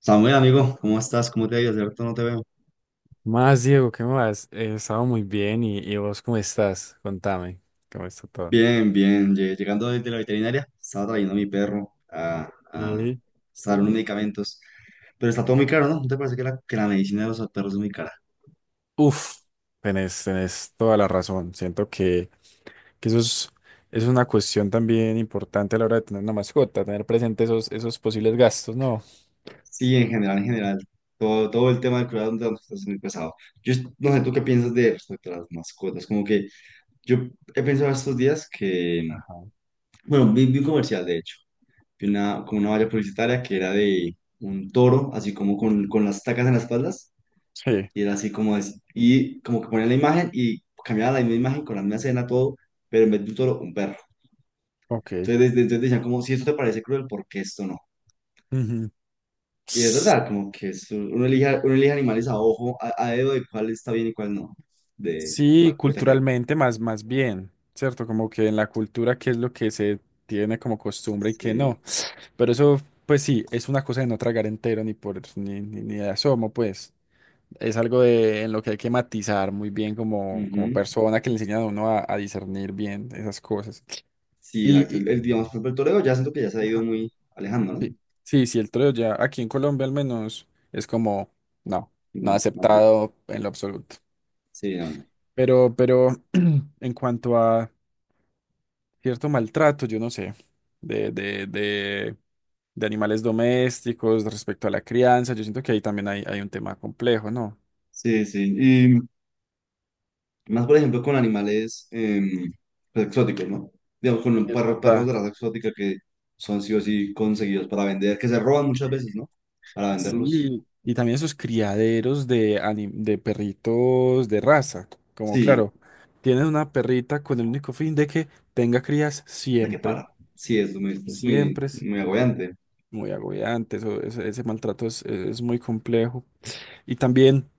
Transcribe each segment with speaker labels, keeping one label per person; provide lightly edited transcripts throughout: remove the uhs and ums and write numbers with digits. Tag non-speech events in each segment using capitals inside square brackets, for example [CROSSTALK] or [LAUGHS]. Speaker 1: Samuel, amigo, ¿cómo estás? ¿Cómo te ha ido? Hace rato no te veo.
Speaker 2: Más, Diego, ¿qué más? He estado muy bien y vos ¿cómo estás? Contame, ¿cómo está todo?
Speaker 1: Bien, bien. Llegando desde la veterinaria, estaba trayendo a mi perro a
Speaker 2: Y
Speaker 1: usar unos medicamentos. Pero está todo muy caro, ¿no? ¿No te parece que que la medicina de los perros es muy cara?
Speaker 2: Uf, tenés toda la razón. Siento que eso es una cuestión también importante a la hora de tener una mascota, tener presente esos posibles gastos, ¿no?
Speaker 1: Sí, en general, en general. Todo el tema del cuidado de los perros es muy pesado. No sé, ¿tú qué piensas de respecto a las mascotas? Como que yo he pensado estos días que
Speaker 2: Ajá.
Speaker 1: Bueno, vi un comercial, de hecho. Vi una, como una valla publicitaria que era de un toro, así como con las tacas en las espaldas.
Speaker 2: Sí,
Speaker 1: Y era así como es. Y como que ponían la imagen y cambiaba la misma imagen con la misma escena, todo, pero en vez de un toro, un perro.
Speaker 2: ok.
Speaker 1: Entonces decían como, si esto te parece cruel, ¿por qué esto no?
Speaker 2: Ujú.
Speaker 1: Y es verdad, como que uno elige animales a ojo, a dedo de cuál está bien y cuál no, de a
Speaker 2: Sí,
Speaker 1: cuál proteger.
Speaker 2: culturalmente más bien, ¿cierto? Como que en la cultura, ¿qué es lo que se tiene como costumbre y qué
Speaker 1: Sí.
Speaker 2: no? Pero eso, pues sí, es una cosa de no tragar entero ni por ni, ni, ni de asomo, pues. Es algo en lo que hay que matizar muy bien como
Speaker 1: ujú.
Speaker 2: persona que le enseñan a uno a discernir bien esas cosas.
Speaker 1: Sí, exacto.
Speaker 2: Y, y-
Speaker 1: Digamos, por ejemplo, el toreo ya siento que ya se ha ido
Speaker 2: ajá,
Speaker 1: muy alejando, ¿no?
Speaker 2: sí, sí, sí, el troleo ya aquí en Colombia al menos es como, no, no
Speaker 1: No, más bien.
Speaker 2: aceptado en lo absoluto.
Speaker 1: Sí, no, no.
Speaker 2: Pero [CLEARS THROAT] en cuanto a cierto maltrato, yo no sé, de, de, de, de animales domésticos respecto a la crianza. Yo siento que ahí también hay un tema complejo, ¿no?
Speaker 1: Sí, sí. Más, por ejemplo, con animales pues, exóticos, ¿no? Digamos, con un
Speaker 2: Es
Speaker 1: perro, perros
Speaker 2: verdad.
Speaker 1: de raza exótica que son sí o sí conseguidos para vender, que se roban muchas veces, ¿no? Para venderlos.
Speaker 2: Sí, y también esos criaderos de perritos de raza, como
Speaker 1: Sí,
Speaker 2: claro, tienen una perrita con el único fin de que tenga crías
Speaker 1: de que
Speaker 2: siempre,
Speaker 1: para. Sí, es muy,
Speaker 2: siempre es
Speaker 1: muy agobiante.
Speaker 2: muy agobiante, ese maltrato es muy complejo. Y también,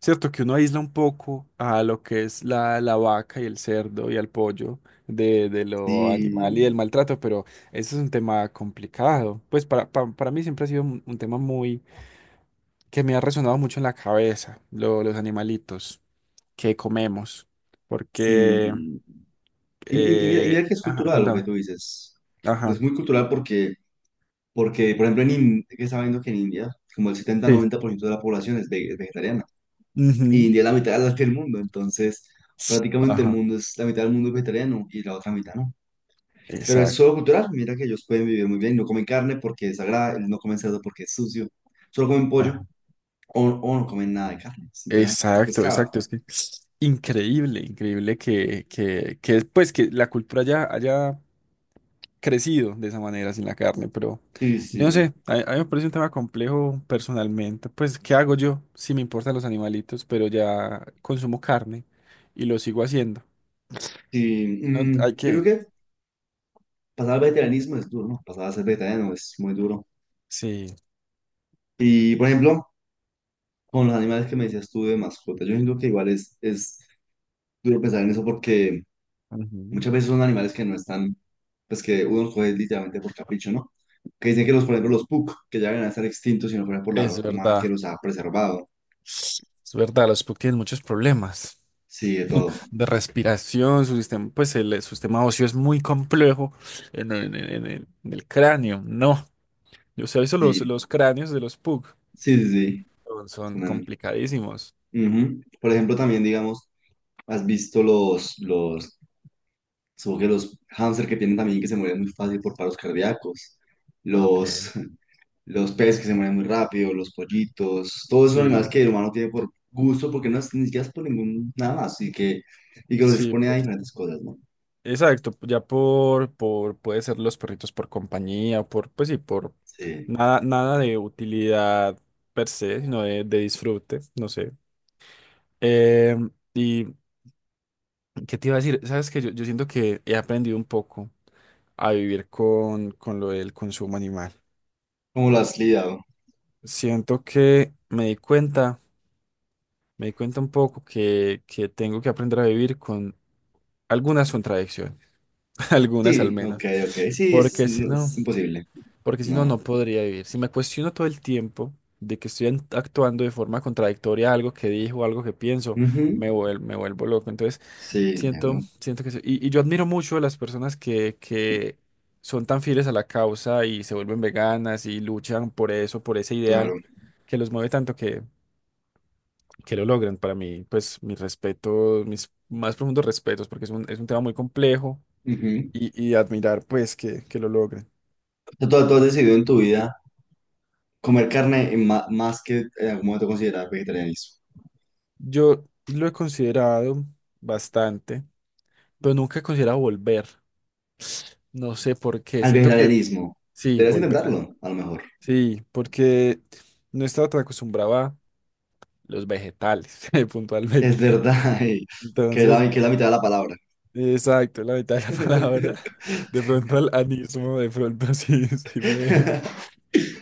Speaker 2: cierto que uno aísla un poco a lo que es la vaca y el cerdo y al pollo de lo animal y
Speaker 1: Sí,
Speaker 2: del maltrato, pero ese es un tema complicado. Pues para mí siempre ha sido un tema muy que me ha resonado mucho en la cabeza, los animalitos que comemos, porque...
Speaker 1: sí. Y mira que es
Speaker 2: ajá,
Speaker 1: cultural lo que
Speaker 2: contame.
Speaker 1: tú dices. Es
Speaker 2: Ajá,
Speaker 1: muy cultural porque, porque por ejemplo, en India, que está viendo que en India, como el setenta
Speaker 2: sí.
Speaker 1: noventa por ciento de la población es vegetariana. Y
Speaker 2: Ujú.
Speaker 1: India es la mitad de la que el mundo, entonces prácticamente el
Speaker 2: Ajá,
Speaker 1: mundo es la mitad del mundo es vegetariano y la otra mitad no. Pero es solo
Speaker 2: exacto.
Speaker 1: cultural, mira que ellos pueden vivir muy bien, no comen carne porque es sagrada, no comen cerdo porque es sucio, solo comen pollo o, o no comen nada de carne, es interesante, pues
Speaker 2: Exacto,
Speaker 1: pescado.
Speaker 2: exacto. Es que es increíble, increíble que, pues, que la cultura ya haya crecido de esa manera sin la carne, pero
Speaker 1: Sí,
Speaker 2: yo no
Speaker 1: sí,
Speaker 2: sé, a mí me parece un tema complejo personalmente. Pues, ¿qué hago yo? Sí me importan los animalitos, pero ya consumo carne y lo sigo haciendo.
Speaker 1: sí.
Speaker 2: No, hay
Speaker 1: Yo creo
Speaker 2: que...
Speaker 1: que pasar al vegetarianismo es duro, ¿no? Pasar a ser vegetariano es muy duro.
Speaker 2: Sí,
Speaker 1: Y, por ejemplo, con los animales que me decías tú de mascota, yo siento que igual es duro pensar en eso porque
Speaker 2: Ujú.
Speaker 1: muchas veces son animales que no están, pues que uno los coge literalmente por capricho, ¿no? Que dicen que los, por ejemplo, los puk, que ya deben estar extintos si no fuera por la
Speaker 2: Es
Speaker 1: raza humana que
Speaker 2: verdad.
Speaker 1: los ha preservado.
Speaker 2: Es verdad, los Puck tienen muchos problemas
Speaker 1: Sí, de todo.
Speaker 2: de respiración. Su sistema, pues el su sistema óseo es muy complejo en el cráneo. No, yo sé, eso los,
Speaker 1: Sí,
Speaker 2: los cráneos de los Pug
Speaker 1: sí, sí,
Speaker 2: son,
Speaker 1: sí.
Speaker 2: son
Speaker 1: Una.
Speaker 2: complicadísimos.
Speaker 1: Ujú. Por ejemplo, también, digamos, has visto supongo que los hámster que tienen también que se mueren muy fácil por paros cardíacos. Los,
Speaker 2: Ok.
Speaker 1: los peces que se mueren muy rápido, los pollitos, todos esos animales
Speaker 2: Sí,
Speaker 1: que el humano tiene por gusto, porque no es ni siquiera es por ningún nada más, y que los
Speaker 2: sí,
Speaker 1: expone a diferentes cosas, ¿no?
Speaker 2: exacto, ya puede ser los perritos por compañía, pues sí, por
Speaker 1: Sí.
Speaker 2: nada de utilidad per se, sino de disfrute, no sé. Y, ¿qué te iba a decir? Sabes que yo siento que he aprendido un poco a vivir con lo del consumo animal.
Speaker 1: ¿Cómo lo has lidiado?
Speaker 2: Siento que me di cuenta un poco que tengo que aprender a vivir con algunas contradicciones, [LAUGHS] algunas al
Speaker 1: Sí, ok,
Speaker 2: menos,
Speaker 1: ok, sí, es,
Speaker 2: porque si
Speaker 1: no,
Speaker 2: no,
Speaker 1: es imposible,
Speaker 2: porque si no,
Speaker 1: no.
Speaker 2: no podría vivir. Si me cuestiono todo el tiempo de que estoy actuando de forma contradictoria a algo que dijo, algo que pienso,
Speaker 1: Ujú.
Speaker 2: me vuelvo loco. Entonces,
Speaker 1: Sí,
Speaker 2: Siento,
Speaker 1: entiendo,
Speaker 2: siento que sí. Y yo admiro mucho a las personas que son tan fieles a la causa y se vuelven veganas y luchan por eso, por ese ideal
Speaker 1: claro.
Speaker 2: que los mueve tanto que lo logran. Para mí, pues mis respetos, mis más profundos respetos, porque es un tema muy complejo
Speaker 1: Ujú.
Speaker 2: y admirar pues que lo logren.
Speaker 1: O sea, tú has decidido en tu vida comer carne en más que en algún momento considerar vegetarianismo.
Speaker 2: Yo lo he considerado bastante, pero nunca he considerado volver. No sé por qué.
Speaker 1: Al
Speaker 2: Siento que
Speaker 1: vegetarianismo,
Speaker 2: sí,
Speaker 1: deberías
Speaker 2: volver.
Speaker 1: intentarlo, a lo mejor.
Speaker 2: Sí, porque no estaba tan acostumbrado a los vegetales, [LAUGHS]
Speaker 1: Es
Speaker 2: puntualmente.
Speaker 1: verdad, [LAUGHS] ey, que es
Speaker 2: Entonces,
Speaker 1: que es la mitad de la palabra.
Speaker 2: exacto, la mitad de la [LAUGHS] palabra.
Speaker 1: [LAUGHS]
Speaker 2: De pronto al anismo, de pronto [LAUGHS] sí, sí me
Speaker 1: [LAUGHS]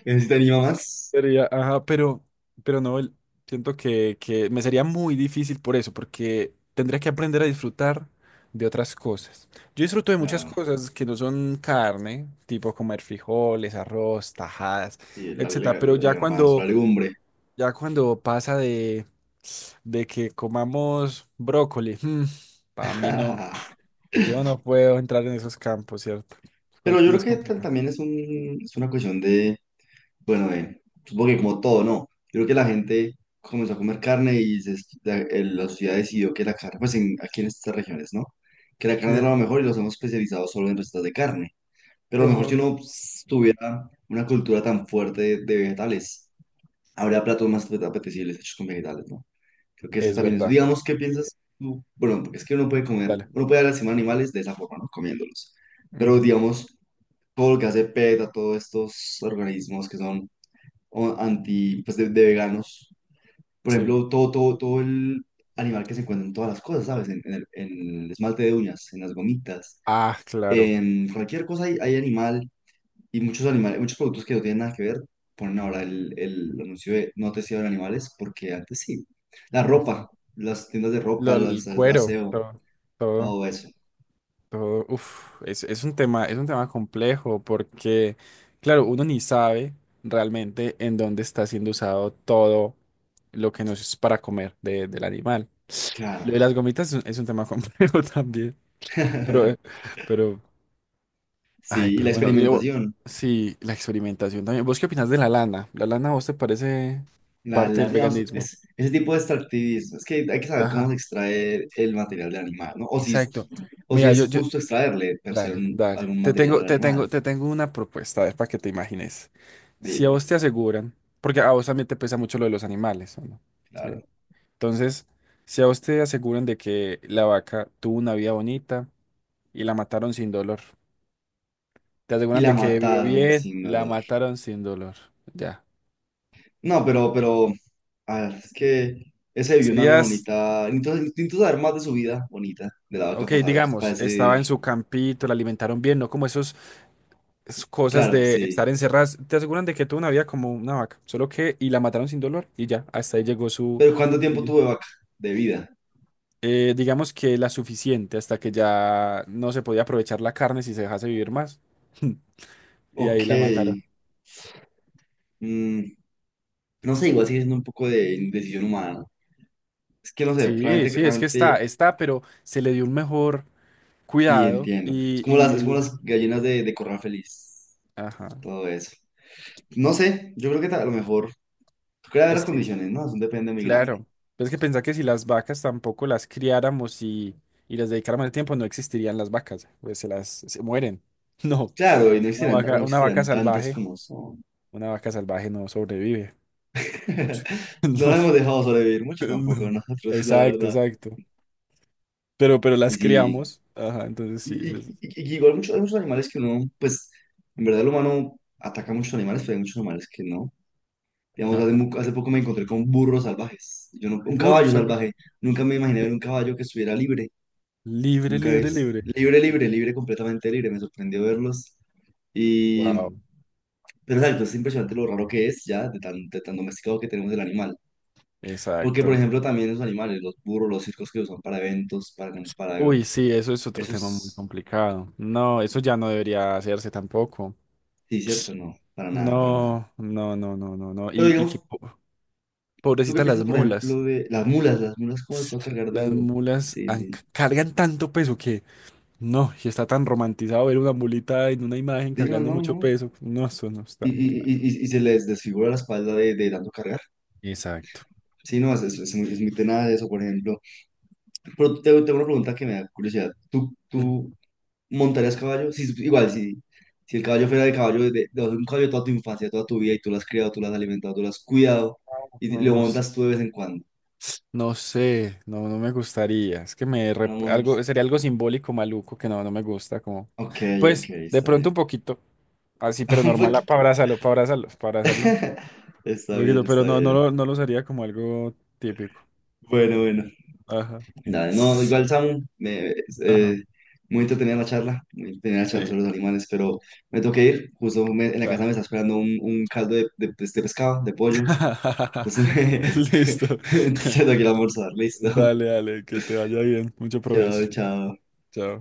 Speaker 1: Necesitaría más.
Speaker 2: sería, ajá, pero no, siento que me sería muy difícil por eso, porque tendría que aprender a disfrutar de otras cosas. Yo disfruto de muchas
Speaker 1: Claro.
Speaker 2: cosas que no son carne, tipo comer frijoles, arroz, tajadas,
Speaker 1: Y
Speaker 2: etcétera, pero
Speaker 1: el
Speaker 2: ya
Speaker 1: garbanzo, la
Speaker 2: cuando
Speaker 1: legumbre.
Speaker 2: Ya cuando pasa de que comamos brócoli, para mí no,
Speaker 1: [LAUGHS]
Speaker 2: yo no puedo entrar en esos campos, ¿cierto?
Speaker 1: Pero yo
Speaker 2: Me
Speaker 1: creo
Speaker 2: es
Speaker 1: que
Speaker 2: complicado.
Speaker 1: también es una cuestión de, bueno, de, supongo que como todo, ¿no? Yo creo que la gente comenzó a comer carne y la sociedad decidió que la carne, pues en, aquí en estas regiones, ¿no? Que la carne era
Speaker 2: Sí.
Speaker 1: lo mejor y los hemos especializado solo en recetas de carne. Pero a lo mejor si
Speaker 2: Ojo.
Speaker 1: uno pues, tuviera una cultura tan fuerte de vegetales, habría platos más apetecibles hechos con vegetales, ¿no? Creo que ese
Speaker 2: Es
Speaker 1: también es.
Speaker 2: verdad,
Speaker 1: Digamos, ¿qué piensas tú? Bueno, porque es que uno puede comer,
Speaker 2: dale.
Speaker 1: uno puede dar encima a animales de esa forma, ¿no? Comiéndolos. Pero
Speaker 2: Ujú.
Speaker 1: digamos, todo lo que hace PETA, todos estos organismos que son anti, pues de veganos, por
Speaker 2: Sí.
Speaker 1: ejemplo, todo el animal que se encuentra en todas las cosas, ¿sabes? En el esmalte de uñas, en las gomitas,
Speaker 2: Ah, claro.
Speaker 1: en cualquier cosa hay, hay animal. Y muchos animales, muchos productos que no tienen nada que ver, ponen ahora el anuncio de no testearon animales, porque antes sí. La
Speaker 2: Ujú.
Speaker 1: ropa, las tiendas de ropa, los,
Speaker 2: El
Speaker 1: el
Speaker 2: cuero,
Speaker 1: aseo,
Speaker 2: todo, todo,
Speaker 1: todo eso.
Speaker 2: todo. Uf, es un tema complejo porque, claro, uno ni sabe realmente en dónde está siendo usado todo lo que nos es para comer del animal.
Speaker 1: Claro.
Speaker 2: Lo de las gomitas es un tema complejo [LAUGHS] también. Pero, eh,
Speaker 1: [LAUGHS]
Speaker 2: pero, ay,
Speaker 1: Sí, y
Speaker 2: pero
Speaker 1: la
Speaker 2: bueno,
Speaker 1: experimentación.
Speaker 2: sí, la experimentación también. ¿Vos qué opinás de la lana? ¿La lana a vos te parece parte del
Speaker 1: Digamos,
Speaker 2: veganismo?
Speaker 1: ese tipo de extractivismo. Es que hay que saber cómo se
Speaker 2: Ajá,
Speaker 1: extrae el material del animal, ¿no?
Speaker 2: exacto.
Speaker 1: O si
Speaker 2: Mira,
Speaker 1: es justo extraerle per se
Speaker 2: dale, dale.
Speaker 1: algún
Speaker 2: Te
Speaker 1: material
Speaker 2: tengo,
Speaker 1: al
Speaker 2: te
Speaker 1: animal.
Speaker 2: tengo, te tengo una propuesta, a ver, para que te imagines. Si a
Speaker 1: Dime,
Speaker 2: vos te aseguran, porque a vos también te pesa mucho lo de los animales, ¿o no? Sí.
Speaker 1: claro.
Speaker 2: Entonces, si a vos te aseguran de que la vaca tuvo una vida bonita y la mataron sin dolor. Te
Speaker 1: Y
Speaker 2: aseguran
Speaker 1: la
Speaker 2: de que vivió
Speaker 1: mataron
Speaker 2: bien,
Speaker 1: sin
Speaker 2: la
Speaker 1: dolor.
Speaker 2: mataron sin dolor. Ya.
Speaker 1: No, ah, es que ese vivió una vida
Speaker 2: Serías,
Speaker 1: bonita. Entonces, necesito saber más de su vida bonita, de la vaca,
Speaker 2: ok,
Speaker 1: para saber, para
Speaker 2: digamos, estaba
Speaker 1: decir,
Speaker 2: en su campito, la alimentaron bien, no como esas cosas
Speaker 1: claro,
Speaker 2: de
Speaker 1: sí.
Speaker 2: estar encerradas. Te aseguran de que tuvo una vida como una vaca, solo que, y la mataron sin dolor, y ya, hasta ahí llegó su,
Speaker 1: Pero ¿cuánto
Speaker 2: su
Speaker 1: tiempo
Speaker 2: vida.
Speaker 1: tuvo de vaca? De vida.
Speaker 2: Digamos que la suficiente, hasta que ya no se podía aprovechar la carne si se dejase vivir más. [LAUGHS] Y ahí
Speaker 1: Ok.
Speaker 2: la mataron.
Speaker 1: Mm, no sé, igual sigue siendo un poco de indecisión humana, ¿no? Es que no sé,
Speaker 2: Sí,
Speaker 1: realmente,
Speaker 2: sí, es que está,
Speaker 1: realmente,
Speaker 2: está, pero se le dio un mejor
Speaker 1: sí
Speaker 2: cuidado
Speaker 1: entiendo. Es
Speaker 2: y,
Speaker 1: como
Speaker 2: y
Speaker 1: es como
Speaker 2: vivió mejor.
Speaker 1: las gallinas de corral feliz,
Speaker 2: Ajá.
Speaker 1: todo eso. No sé, yo creo que a lo mejor, creo que
Speaker 2: Es
Speaker 1: las
Speaker 2: que
Speaker 1: condiciones, ¿no? Es un depende muy grande.
Speaker 2: Claro, pero es que pensá que si las vacas tampoco las criáramos y les dedicáramos el tiempo, no existirían las vacas, pues se mueren. [LAUGHS] No,
Speaker 1: Claro, y no
Speaker 2: una
Speaker 1: existirán, o
Speaker 2: vaca,
Speaker 1: no
Speaker 2: una vaca
Speaker 1: existirán tantas
Speaker 2: salvaje,
Speaker 1: como son.
Speaker 2: una vaca salvaje no sobrevive mucho. [LAUGHS]
Speaker 1: [LAUGHS] No nos
Speaker 2: No,
Speaker 1: hemos dejado sobrevivir mucho
Speaker 2: pues
Speaker 1: tampoco
Speaker 2: no.
Speaker 1: nosotros, la
Speaker 2: Exacto,
Speaker 1: verdad.
Speaker 2: exacto. Pero las
Speaker 1: Sí,
Speaker 2: criamos, ajá, entonces sí,
Speaker 1: y, y- y- y igual muchos, hay muchos animales que uno, pues, en verdad el humano ataca a muchos animales, pero hay muchos animales que no. Digamos,
Speaker 2: ajá.
Speaker 1: hace poco me encontré con burros salvajes. Yo no, un
Speaker 2: Burro
Speaker 1: caballo
Speaker 2: salvaje.
Speaker 1: salvaje. Nunca me imaginé ver un caballo que estuviera libre.
Speaker 2: Libre,
Speaker 1: Nunca
Speaker 2: libre,
Speaker 1: es.
Speaker 2: libre.
Speaker 1: Libre, libre, libre, completamente libre. Me sorprendió verlos. Y,
Speaker 2: Wow,
Speaker 1: pero exacto, es impresionante lo raro que es ya, de tan domesticado que tenemos el animal. Porque, por
Speaker 2: exacto.
Speaker 1: ejemplo, también los animales, los burros, los circos que usan para eventos, para...
Speaker 2: Uy, sí, eso es otro
Speaker 1: Eso
Speaker 2: tema muy
Speaker 1: es...
Speaker 2: complicado. No, eso ya no debería hacerse tampoco.
Speaker 1: Sí, cierto, no, para nada, para nada.
Speaker 2: No, no, no, no, no, no.
Speaker 1: Pero
Speaker 2: Y que
Speaker 1: digamos, ¿tú qué
Speaker 2: pobrecitas
Speaker 1: piensas,
Speaker 2: las
Speaker 1: por
Speaker 2: mulas.
Speaker 1: ejemplo, de las mulas? Las mulas, ¿cómo las va a cargar de
Speaker 2: Las
Speaker 1: duro?
Speaker 2: mulas
Speaker 1: Sí, sí.
Speaker 2: cargan tanto peso que no, y está tan romantizado ver una mulita en una imagen
Speaker 1: Sí, no,
Speaker 2: cargando
Speaker 1: no,
Speaker 2: mucho
Speaker 1: no.
Speaker 2: peso. No, eso no está
Speaker 1: Y,
Speaker 2: muy,
Speaker 1: y, y, y y se les desfigura la espalda de tanto cargar.
Speaker 2: exacto,
Speaker 1: Sí, no, es muy tenaz eso, por ejemplo. Pero tengo una pregunta que me da curiosidad.
Speaker 2: mal.
Speaker 1: ¿Tú,
Speaker 2: Exacto.
Speaker 1: tú ¿montarías caballo? Si, igual, si, si el caballo fuera de caballo, de un caballo toda tu infancia, toda tu vida, y tú lo has criado, tú lo has alimentado, tú lo has cuidado, y
Speaker 2: No,
Speaker 1: lo
Speaker 2: no,
Speaker 1: montas tú de vez en cuando.
Speaker 2: no sé, no, no me gustaría. Es que
Speaker 1: Vamos.
Speaker 2: algo, sería algo simbólico maluco que no, no me gusta. Como,
Speaker 1: Ok, ok,
Speaker 2: pues, de
Speaker 1: está
Speaker 2: pronto
Speaker 1: bien.
Speaker 2: un poquito, así,
Speaker 1: [LAUGHS]
Speaker 2: pero
Speaker 1: Un
Speaker 2: normal,
Speaker 1: poquito.
Speaker 2: para abrazarlo, para abrazarlo, para abrazarlo.
Speaker 1: [LAUGHS] Está
Speaker 2: Un poquito,
Speaker 1: bien,
Speaker 2: pero
Speaker 1: está
Speaker 2: no, no
Speaker 1: bien.
Speaker 2: lo, no lo usaría como algo típico.
Speaker 1: Bueno, bueno.
Speaker 2: Ajá.
Speaker 1: Dale, no, igual, Samu, me,
Speaker 2: Ajá.
Speaker 1: eh, muy entretenida la charla, muy entretenida la charla
Speaker 2: Sí,
Speaker 1: sobre los animales, pero me tengo que ir. Justo en la casa
Speaker 2: dale.
Speaker 1: me está esperando un caldo de de este pescado, de pollo.
Speaker 2: [LAUGHS]
Speaker 1: Entonces
Speaker 2: Listo.
Speaker 1: me, [LAUGHS] se
Speaker 2: [LAUGHS]
Speaker 1: tengo que ir a almorzar, listo.
Speaker 2: Dale, dale, que te vaya bien. Mucho
Speaker 1: Chao,
Speaker 2: provecho.
Speaker 1: chao.
Speaker 2: Chao.